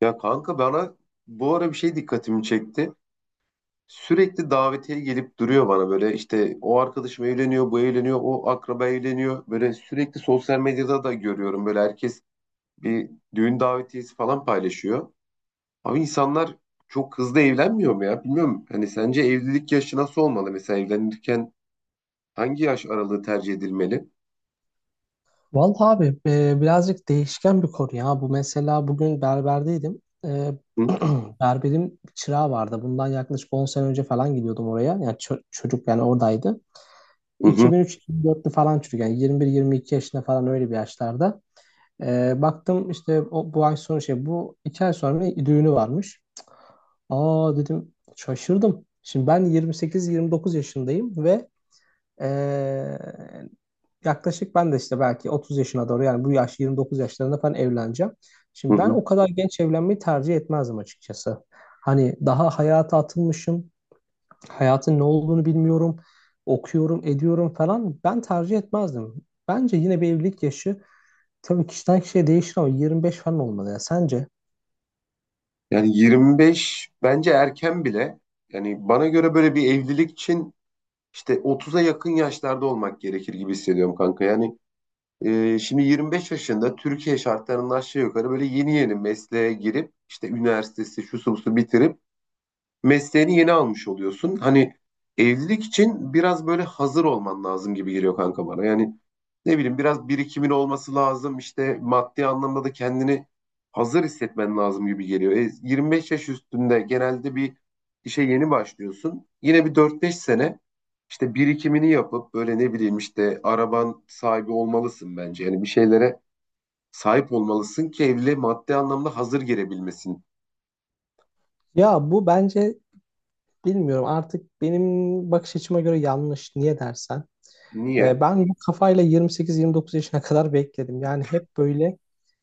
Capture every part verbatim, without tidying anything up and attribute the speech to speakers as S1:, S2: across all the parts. S1: Ya kanka bana bu ara bir şey dikkatimi çekti. Sürekli davetiye gelip duruyor bana böyle işte o arkadaşım evleniyor, bu evleniyor, o akraba evleniyor. Böyle sürekli sosyal medyada da görüyorum böyle herkes bir düğün davetiyesi falan paylaşıyor. Abi insanlar çok hızlı evlenmiyor mu ya? Bilmiyorum. Hani sence evlilik yaşı nasıl olmalı? Mesela evlenirken hangi yaş aralığı tercih edilmeli?
S2: Vallahi abi e, birazcık değişken bir konu ya. Bu mesela bugün berberdeydim. E,
S1: Hı
S2: berberim çırağı vardı. Bundan yaklaşık on sene önce falan gidiyordum oraya. Yani ço- çocuk yani oradaydı.
S1: hı hı.
S2: iki bin üç iki bin dörtlü falan çocuk yani yirmi bir yirmi iki yaşında falan öyle bir yaşlarda. E, baktım işte o, bu ay sonra şey bu iki ay sonra bir düğünü varmış. Aa dedim, şaşırdım. Şimdi ben yirmi sekiz yirmi dokuz yaşındayım ve e, yaklaşık ben de işte belki otuz yaşına doğru, yani bu yaş yirmi dokuz yaşlarında falan evleneceğim. Şimdi ben
S1: Hı.
S2: o kadar genç evlenmeyi tercih etmezdim açıkçası. Hani daha hayata atılmışım. Hayatın ne olduğunu bilmiyorum. Okuyorum, ediyorum falan. Ben tercih etmezdim. Bence yine bir evlilik yaşı tabii kişiden kişiye değişir ama yirmi beş falan olmalı ya. Sence?
S1: Yani yirmi beş bence erken bile. Yani bana göre böyle bir evlilik için İşte otuza yakın yaşlarda olmak gerekir gibi hissediyorum kanka. Yani e, şimdi yirmi beş yaşında Türkiye şartlarının aşağı yukarı böyle yeni yeni mesleğe girip işte üniversitesi şusu busu bitirip mesleğini yeni almış oluyorsun. Hani evlilik için biraz böyle hazır olman lazım gibi geliyor kanka bana. Yani ne bileyim biraz birikimin olması lazım. İşte maddi anlamda da kendini hazır hissetmen lazım gibi geliyor. E, yirmi beş yaş üstünde genelde bir işe yeni başlıyorsun. Yine bir dört beş sene işte birikimini yapıp böyle ne bileyim işte araban sahibi olmalısın bence. Yani bir şeylere sahip olmalısın ki evliliğe maddi anlamda hazır girebilmesin.
S2: Ya bu bence bilmiyorum, artık benim bakış açıma göre yanlış. Niye dersen?
S1: Niye?
S2: Ee, Ben bu kafayla yirmi sekiz yirmi dokuz yaşına kadar bekledim. Yani hep böyle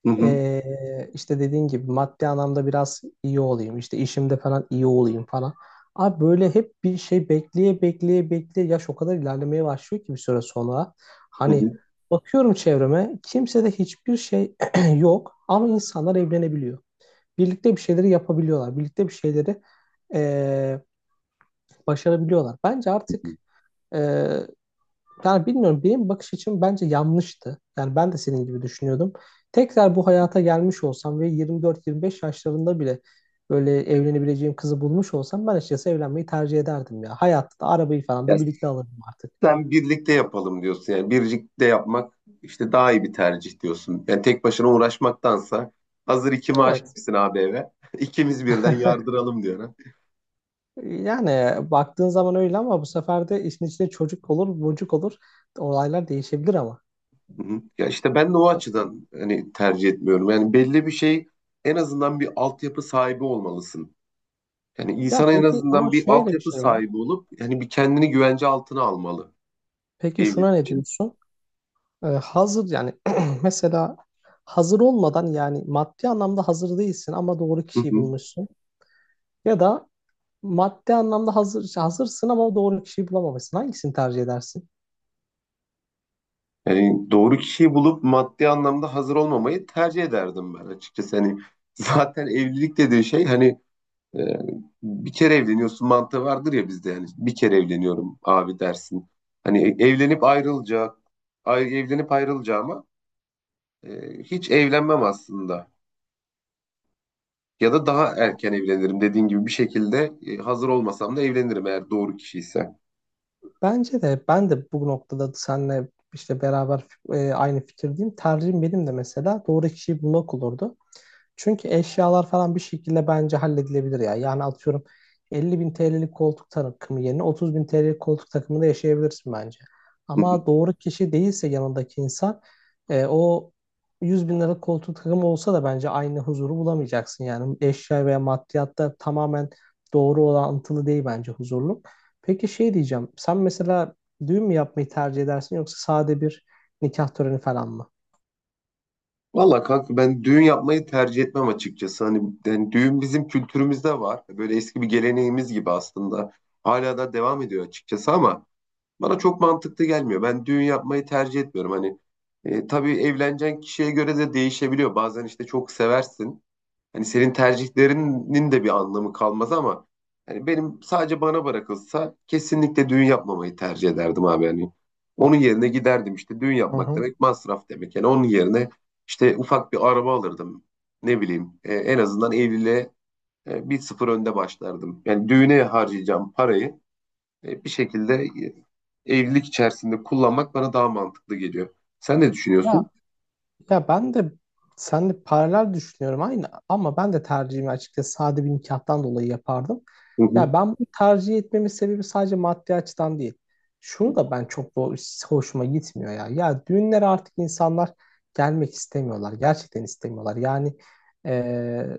S1: Hı hı.
S2: Ee, işte dediğin gibi maddi anlamda biraz iyi olayım, işte işimde falan iyi olayım falan. Abi böyle hep bir şey bekleye bekleye bekleye yaş o kadar ilerlemeye başlıyor ki bir süre sonra.
S1: Hı
S2: Hani
S1: hı.
S2: bakıyorum çevreme, kimsede hiçbir şey yok ama insanlar evlenebiliyor. Birlikte bir şeyleri yapabiliyorlar. Birlikte bir şeyleri ee, başarabiliyorlar. Bence artık yani bilmiyorum, benim bakış açım bence yanlıştı. Yani ben de senin gibi düşünüyordum. Tekrar bu hayata gelmiş olsam ve yirmi dört yirmi beş yaşlarında bile böyle evlenebileceğim kızı bulmuş olsam ben açıkçası evlenmeyi tercih ederdim ya. Hayatta da arabayı falan
S1: Ya,
S2: da birlikte alırdım artık.
S1: sen birlikte yapalım diyorsun. Yani birlikte yapmak işte daha iyi bir tercih diyorsun. Yani tek başına uğraşmaktansa hazır iki maaş
S2: Evet.
S1: gitsin abi eve. İkimiz birden yardıralım diyor, ha.
S2: Yani baktığın zaman öyle ama bu sefer de işin içinde çocuk olur, bocuk olur. Olaylar değişebilir ama.
S1: Hı hı. Ya işte ben de o açıdan hani tercih etmiyorum. Yani belli bir şey, en azından bir altyapı sahibi olmalısın. Yani
S2: Ya
S1: insan en
S2: peki, ama
S1: azından bir
S2: şöyle bir
S1: altyapı
S2: şey var.
S1: sahibi olup yani bir kendini güvence altına almalı
S2: Peki
S1: evlilik
S2: şuna ne
S1: için.
S2: diyorsun? Ee, hazır yani mesela hazır olmadan, yani maddi anlamda hazır değilsin ama doğru
S1: Hı
S2: kişiyi
S1: hı.
S2: bulmuşsun. Ya da maddi anlamda hazır hazırsın ama doğru kişiyi bulamamışsın. Hangisini tercih edersin?
S1: Yani doğru kişiyi bulup maddi anlamda hazır olmamayı tercih ederdim ben açıkçası. Hani zaten evlilik dediği şey hani e, bir kere evleniyorsun mantığı vardır ya bizde, yani bir kere evleniyorum abi dersin. Hani e, evlenip ayrılacak, ay- evlenip ayrılacağıma e, hiç evlenmem aslında. Ya da daha erken evlenirim dediğin gibi, bir şekilde e, hazır olmasam da evlenirim eğer doğru kişi ise.
S2: Bence de ben de bu noktada seninle işte beraber e, aynı fikirdeyim. Tercihim benim de mesela doğru kişiyi bulmak olurdu. Çünkü eşyalar falan bir şekilde bence halledilebilir ya. Yani atıyorum, elli bin T L'lik koltuk takımı yerine otuz bin T L'lik koltuk takımında yaşayabilirsin bence. Ama doğru kişi değilse yanındaki insan, e, o yüz bin liralık koltuk takımı olsa da bence aynı huzuru bulamayacaksın. Yani eşya veya maddiyatta tamamen doğru orantılı değil bence huzurluk. Peki şey diyeceğim. Sen mesela düğün mü yapmayı tercih edersin, yoksa sade bir nikah töreni falan mı?
S1: Valla kanka ben düğün yapmayı tercih etmem açıkçası. Hani yani düğün bizim kültürümüzde var. Böyle eski bir geleneğimiz gibi aslında. Hala da devam ediyor açıkçası ama bana çok mantıklı gelmiyor. Ben düğün yapmayı tercih etmiyorum. Hani e, tabii evleneceğin kişiye göre de değişebiliyor. Bazen işte çok seversin. Hani senin tercihlerinin de bir anlamı kalmaz ama hani benim sadece bana bırakılsa kesinlikle düğün yapmamayı tercih ederdim abi. Yani onun yerine giderdim, işte düğün
S2: Hı
S1: yapmak
S2: hı.
S1: demek masraf demek. Yani onun yerine işte ufak bir araba alırdım. Ne bileyim, e, en azından evliliğe e, bir sıfır önde başlardım. Yani düğüne harcayacağım parayı e, bir şekilde e, evlilik içerisinde kullanmak bana daha mantıklı geliyor. Sen ne düşünüyorsun?
S2: Ya Ya ben de seninle paralel düşünüyorum aynı, ama ben de tercihimi açıkçası sade bir nikahtan dolayı yapardım.
S1: Hı hı,
S2: Ya ben bunu tercih etmemin sebebi sadece maddi açıdan değil. Şunu da ben çok bo- hoşuma gitmiyor ya. Ya düğünlere artık insanlar gelmek istemiyorlar. Gerçekten istemiyorlar. Yani eee,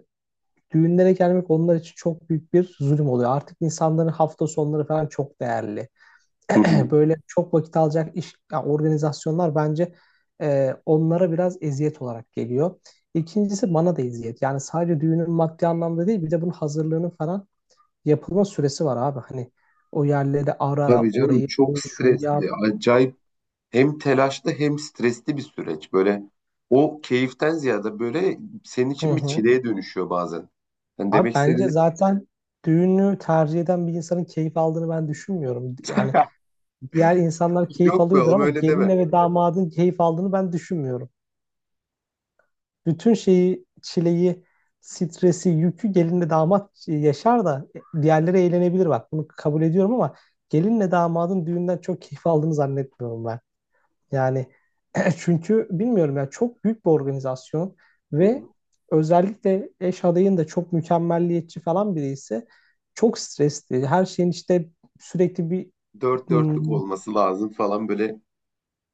S2: düğünlere gelmek onlar için çok büyük bir zulüm oluyor. Artık insanların hafta sonları falan çok değerli.
S1: hı hı.
S2: Böyle çok vakit alacak iş ya, organizasyonlar bence e, onlara biraz eziyet olarak geliyor. İkincisi bana da eziyet. Yani sadece düğünün maddi anlamda değil, bir de bunun hazırlığının falan yapılma süresi var abi. Hani o yerleri ara,
S1: Tabii canım,
S2: orayı
S1: çok
S2: bul, şunu
S1: stresli,
S2: yap.
S1: acayip hem telaşlı hem stresli bir süreç. Böyle o keyiften ziyade böyle senin
S2: Hı
S1: için bir
S2: hı.
S1: çileye dönüşüyor bazen. Yani
S2: Abi
S1: demek
S2: bence
S1: istediğim,
S2: zaten düğünü tercih eden bir insanın keyif aldığını ben düşünmüyorum. Yani diğer insanlar keyif
S1: yok be
S2: alıyordur
S1: oğlum
S2: ama
S1: öyle deme.
S2: gelinle ve damadın keyif aldığını ben düşünmüyorum. Bütün şeyi, çileyi, stresi, yükü gelinle damat yaşar da diğerleri eğlenebilir bak. Bunu kabul ediyorum ama gelinle damadın düğünden çok keyif aldığını zannetmiyorum ben. Yani çünkü bilmiyorum ya, çok büyük bir organizasyon
S1: Hı
S2: ve
S1: hı.
S2: özellikle eş adayın da çok mükemmelliyetçi falan biri ise çok stresli. Her şeyin işte sürekli bir...
S1: Dört
S2: Hmm.
S1: dörtlük olması lazım falan, böyle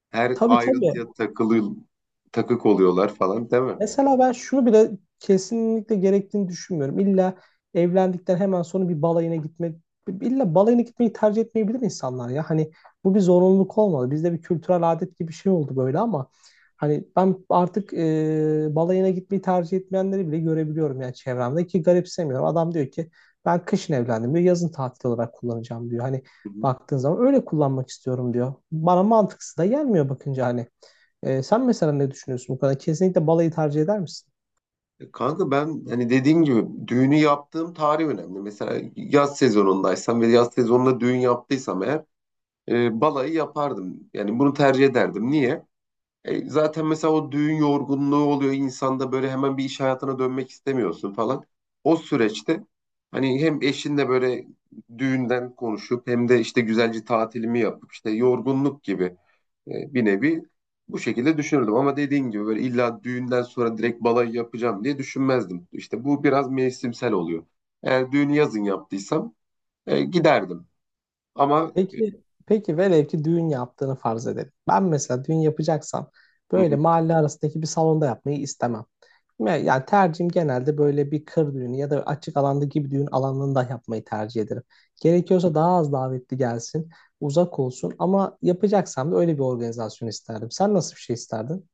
S1: her
S2: Tabii, tabii.
S1: ayrıntıya takılı takık oluyorlar falan değil mi?
S2: Mesela ben şunu bile kesinlikle gerektiğini düşünmüyorum. İlla evlendikten hemen sonra bir balayına gitmek, illa balayına gitmeyi tercih etmeyebilir insanlar ya. Hani bu bir zorunluluk olmalı. Bizde bir kültürel adet gibi bir şey oldu böyle ama hani ben artık e, balayına gitmeyi tercih etmeyenleri bile görebiliyorum yani çevremde ki garipsemiyorum. Adam diyor ki, ben kışın evlendim diyor, yazın tatil olarak kullanacağım diyor. Hani
S1: Hı hı.
S2: baktığın zaman öyle kullanmak istiyorum diyor. Bana mantıksız da gelmiyor bakınca hani. Ee, sen mesela ne düşünüyorsun bu konuda? Kesinlikle balayı tercih eder misin?
S1: E kanka, ben hani dediğim gibi düğünü yaptığım tarih önemli. Mesela yaz sezonundaysam ve yaz sezonunda düğün yaptıysam eğer e, balayı yapardım. Yani bunu tercih ederdim. Niye? E, zaten mesela o düğün yorgunluğu oluyor insanda, böyle hemen bir iş hayatına dönmek istemiyorsun falan. O süreçte hani hem eşinle böyle düğünden konuşup hem de işte güzelce tatilimi yapıp işte yorgunluk gibi e, bir nevi bu şekilde düşünürdüm. Ama dediğin gibi böyle illa düğünden sonra direkt balayı yapacağım diye düşünmezdim. İşte bu biraz mevsimsel oluyor. Eğer düğünü yazın yaptıysam e, giderdim. Ama
S2: Peki, peki velev ki düğün yaptığını farz edelim. Ben mesela düğün yapacaksam böyle mahalle arasındaki bir salonda yapmayı istemem. Me- Yani tercihim genelde böyle bir kır düğünü ya da açık alanda gibi düğün alanında yapmayı tercih ederim. Gerekiyorsa daha az davetli gelsin, uzak olsun ama yapacaksam da öyle bir organizasyon isterdim. Sen nasıl bir şey isterdin?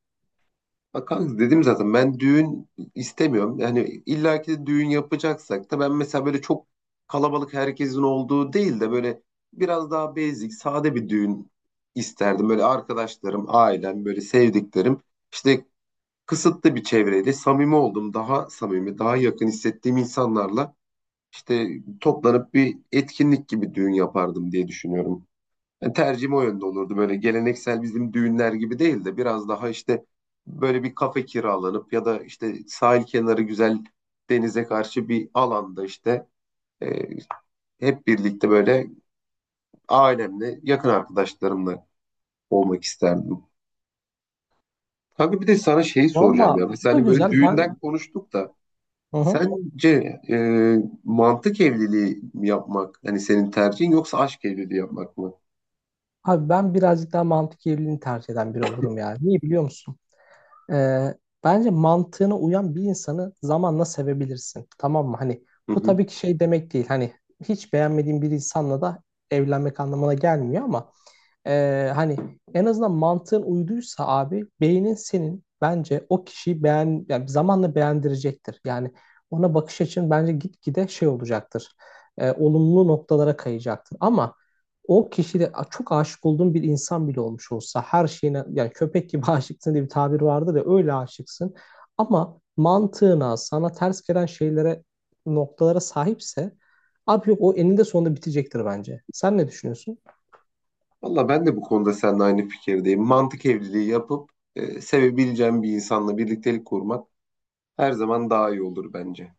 S1: bak kanka, dedim zaten ben düğün istemiyorum. Yani illaki de düğün yapacaksak da ben mesela böyle çok kalabalık herkesin olduğu değil de böyle biraz daha basic, sade bir düğün isterdim. Böyle arkadaşlarım, ailem, böyle sevdiklerim. İşte kısıtlı bir çevreyle samimi oldum. Daha samimi, daha yakın hissettiğim insanlarla işte toplanıp bir etkinlik gibi düğün yapardım diye düşünüyorum. Yani tercihim o yönde olurdu. Böyle geleneksel bizim düğünler gibi değil de biraz daha işte böyle bir kafe kiralanıp ya da işte sahil kenarı güzel denize karşı bir alanda işte e, hep birlikte böyle ailemle yakın arkadaşlarımla olmak isterdim. Kanka bir de sana şeyi soracağım
S2: Valla
S1: ya.
S2: bu
S1: Mesela
S2: da
S1: hani böyle
S2: güzel.
S1: düğünden
S2: Ben,
S1: konuştuk da
S2: hı hı.
S1: sence e, mantık evliliği mi yapmak hani senin tercihin, yoksa aşk evliliği yapmak mı?
S2: Abi ben birazcık daha mantık evliliğini tercih eden biri olurum yani. Niye biliyor musun? Ee, Bence mantığına uyan bir insanı zamanla sevebilirsin. Tamam mı? Hani
S1: Hı
S2: bu
S1: hı.
S2: tabii ki şey demek değil. Hani hiç beğenmediğin bir insanla da evlenmek anlamına gelmiyor ama ee, hani en azından mantığın uyduysa abi, beynin senin bence o kişiyi beğen yani zamanla beğendirecektir. Yani ona bakış açın bence gitgide şey olacaktır. Ee, olumlu noktalara kayacaktır. Ama o kişide çok aşık olduğun bir insan bile olmuş olsa her şeyine, yani köpek gibi aşıksın diye bir tabir vardır ya, öyle aşıksın. Ama mantığına sana ters gelen şeylere, noktalara sahipse abi yok, o eninde sonunda bitecektir bence. Sen ne düşünüyorsun?
S1: Valla ben de bu konuda seninle aynı fikirdeyim. Mantık evliliği yapıp e, sevebileceğim bir insanla birliktelik kurmak her zaman daha iyi olur bence.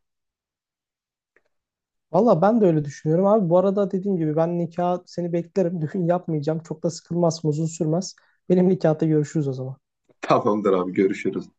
S2: Valla ben de öyle düşünüyorum abi. Bu arada dediğim gibi ben nikah seni beklerim. Düğün yapmayacağım. Çok da sıkılmaz, uzun sürmez. Benim nikahta görüşürüz o zaman.
S1: Tamamdır abi, görüşürüz.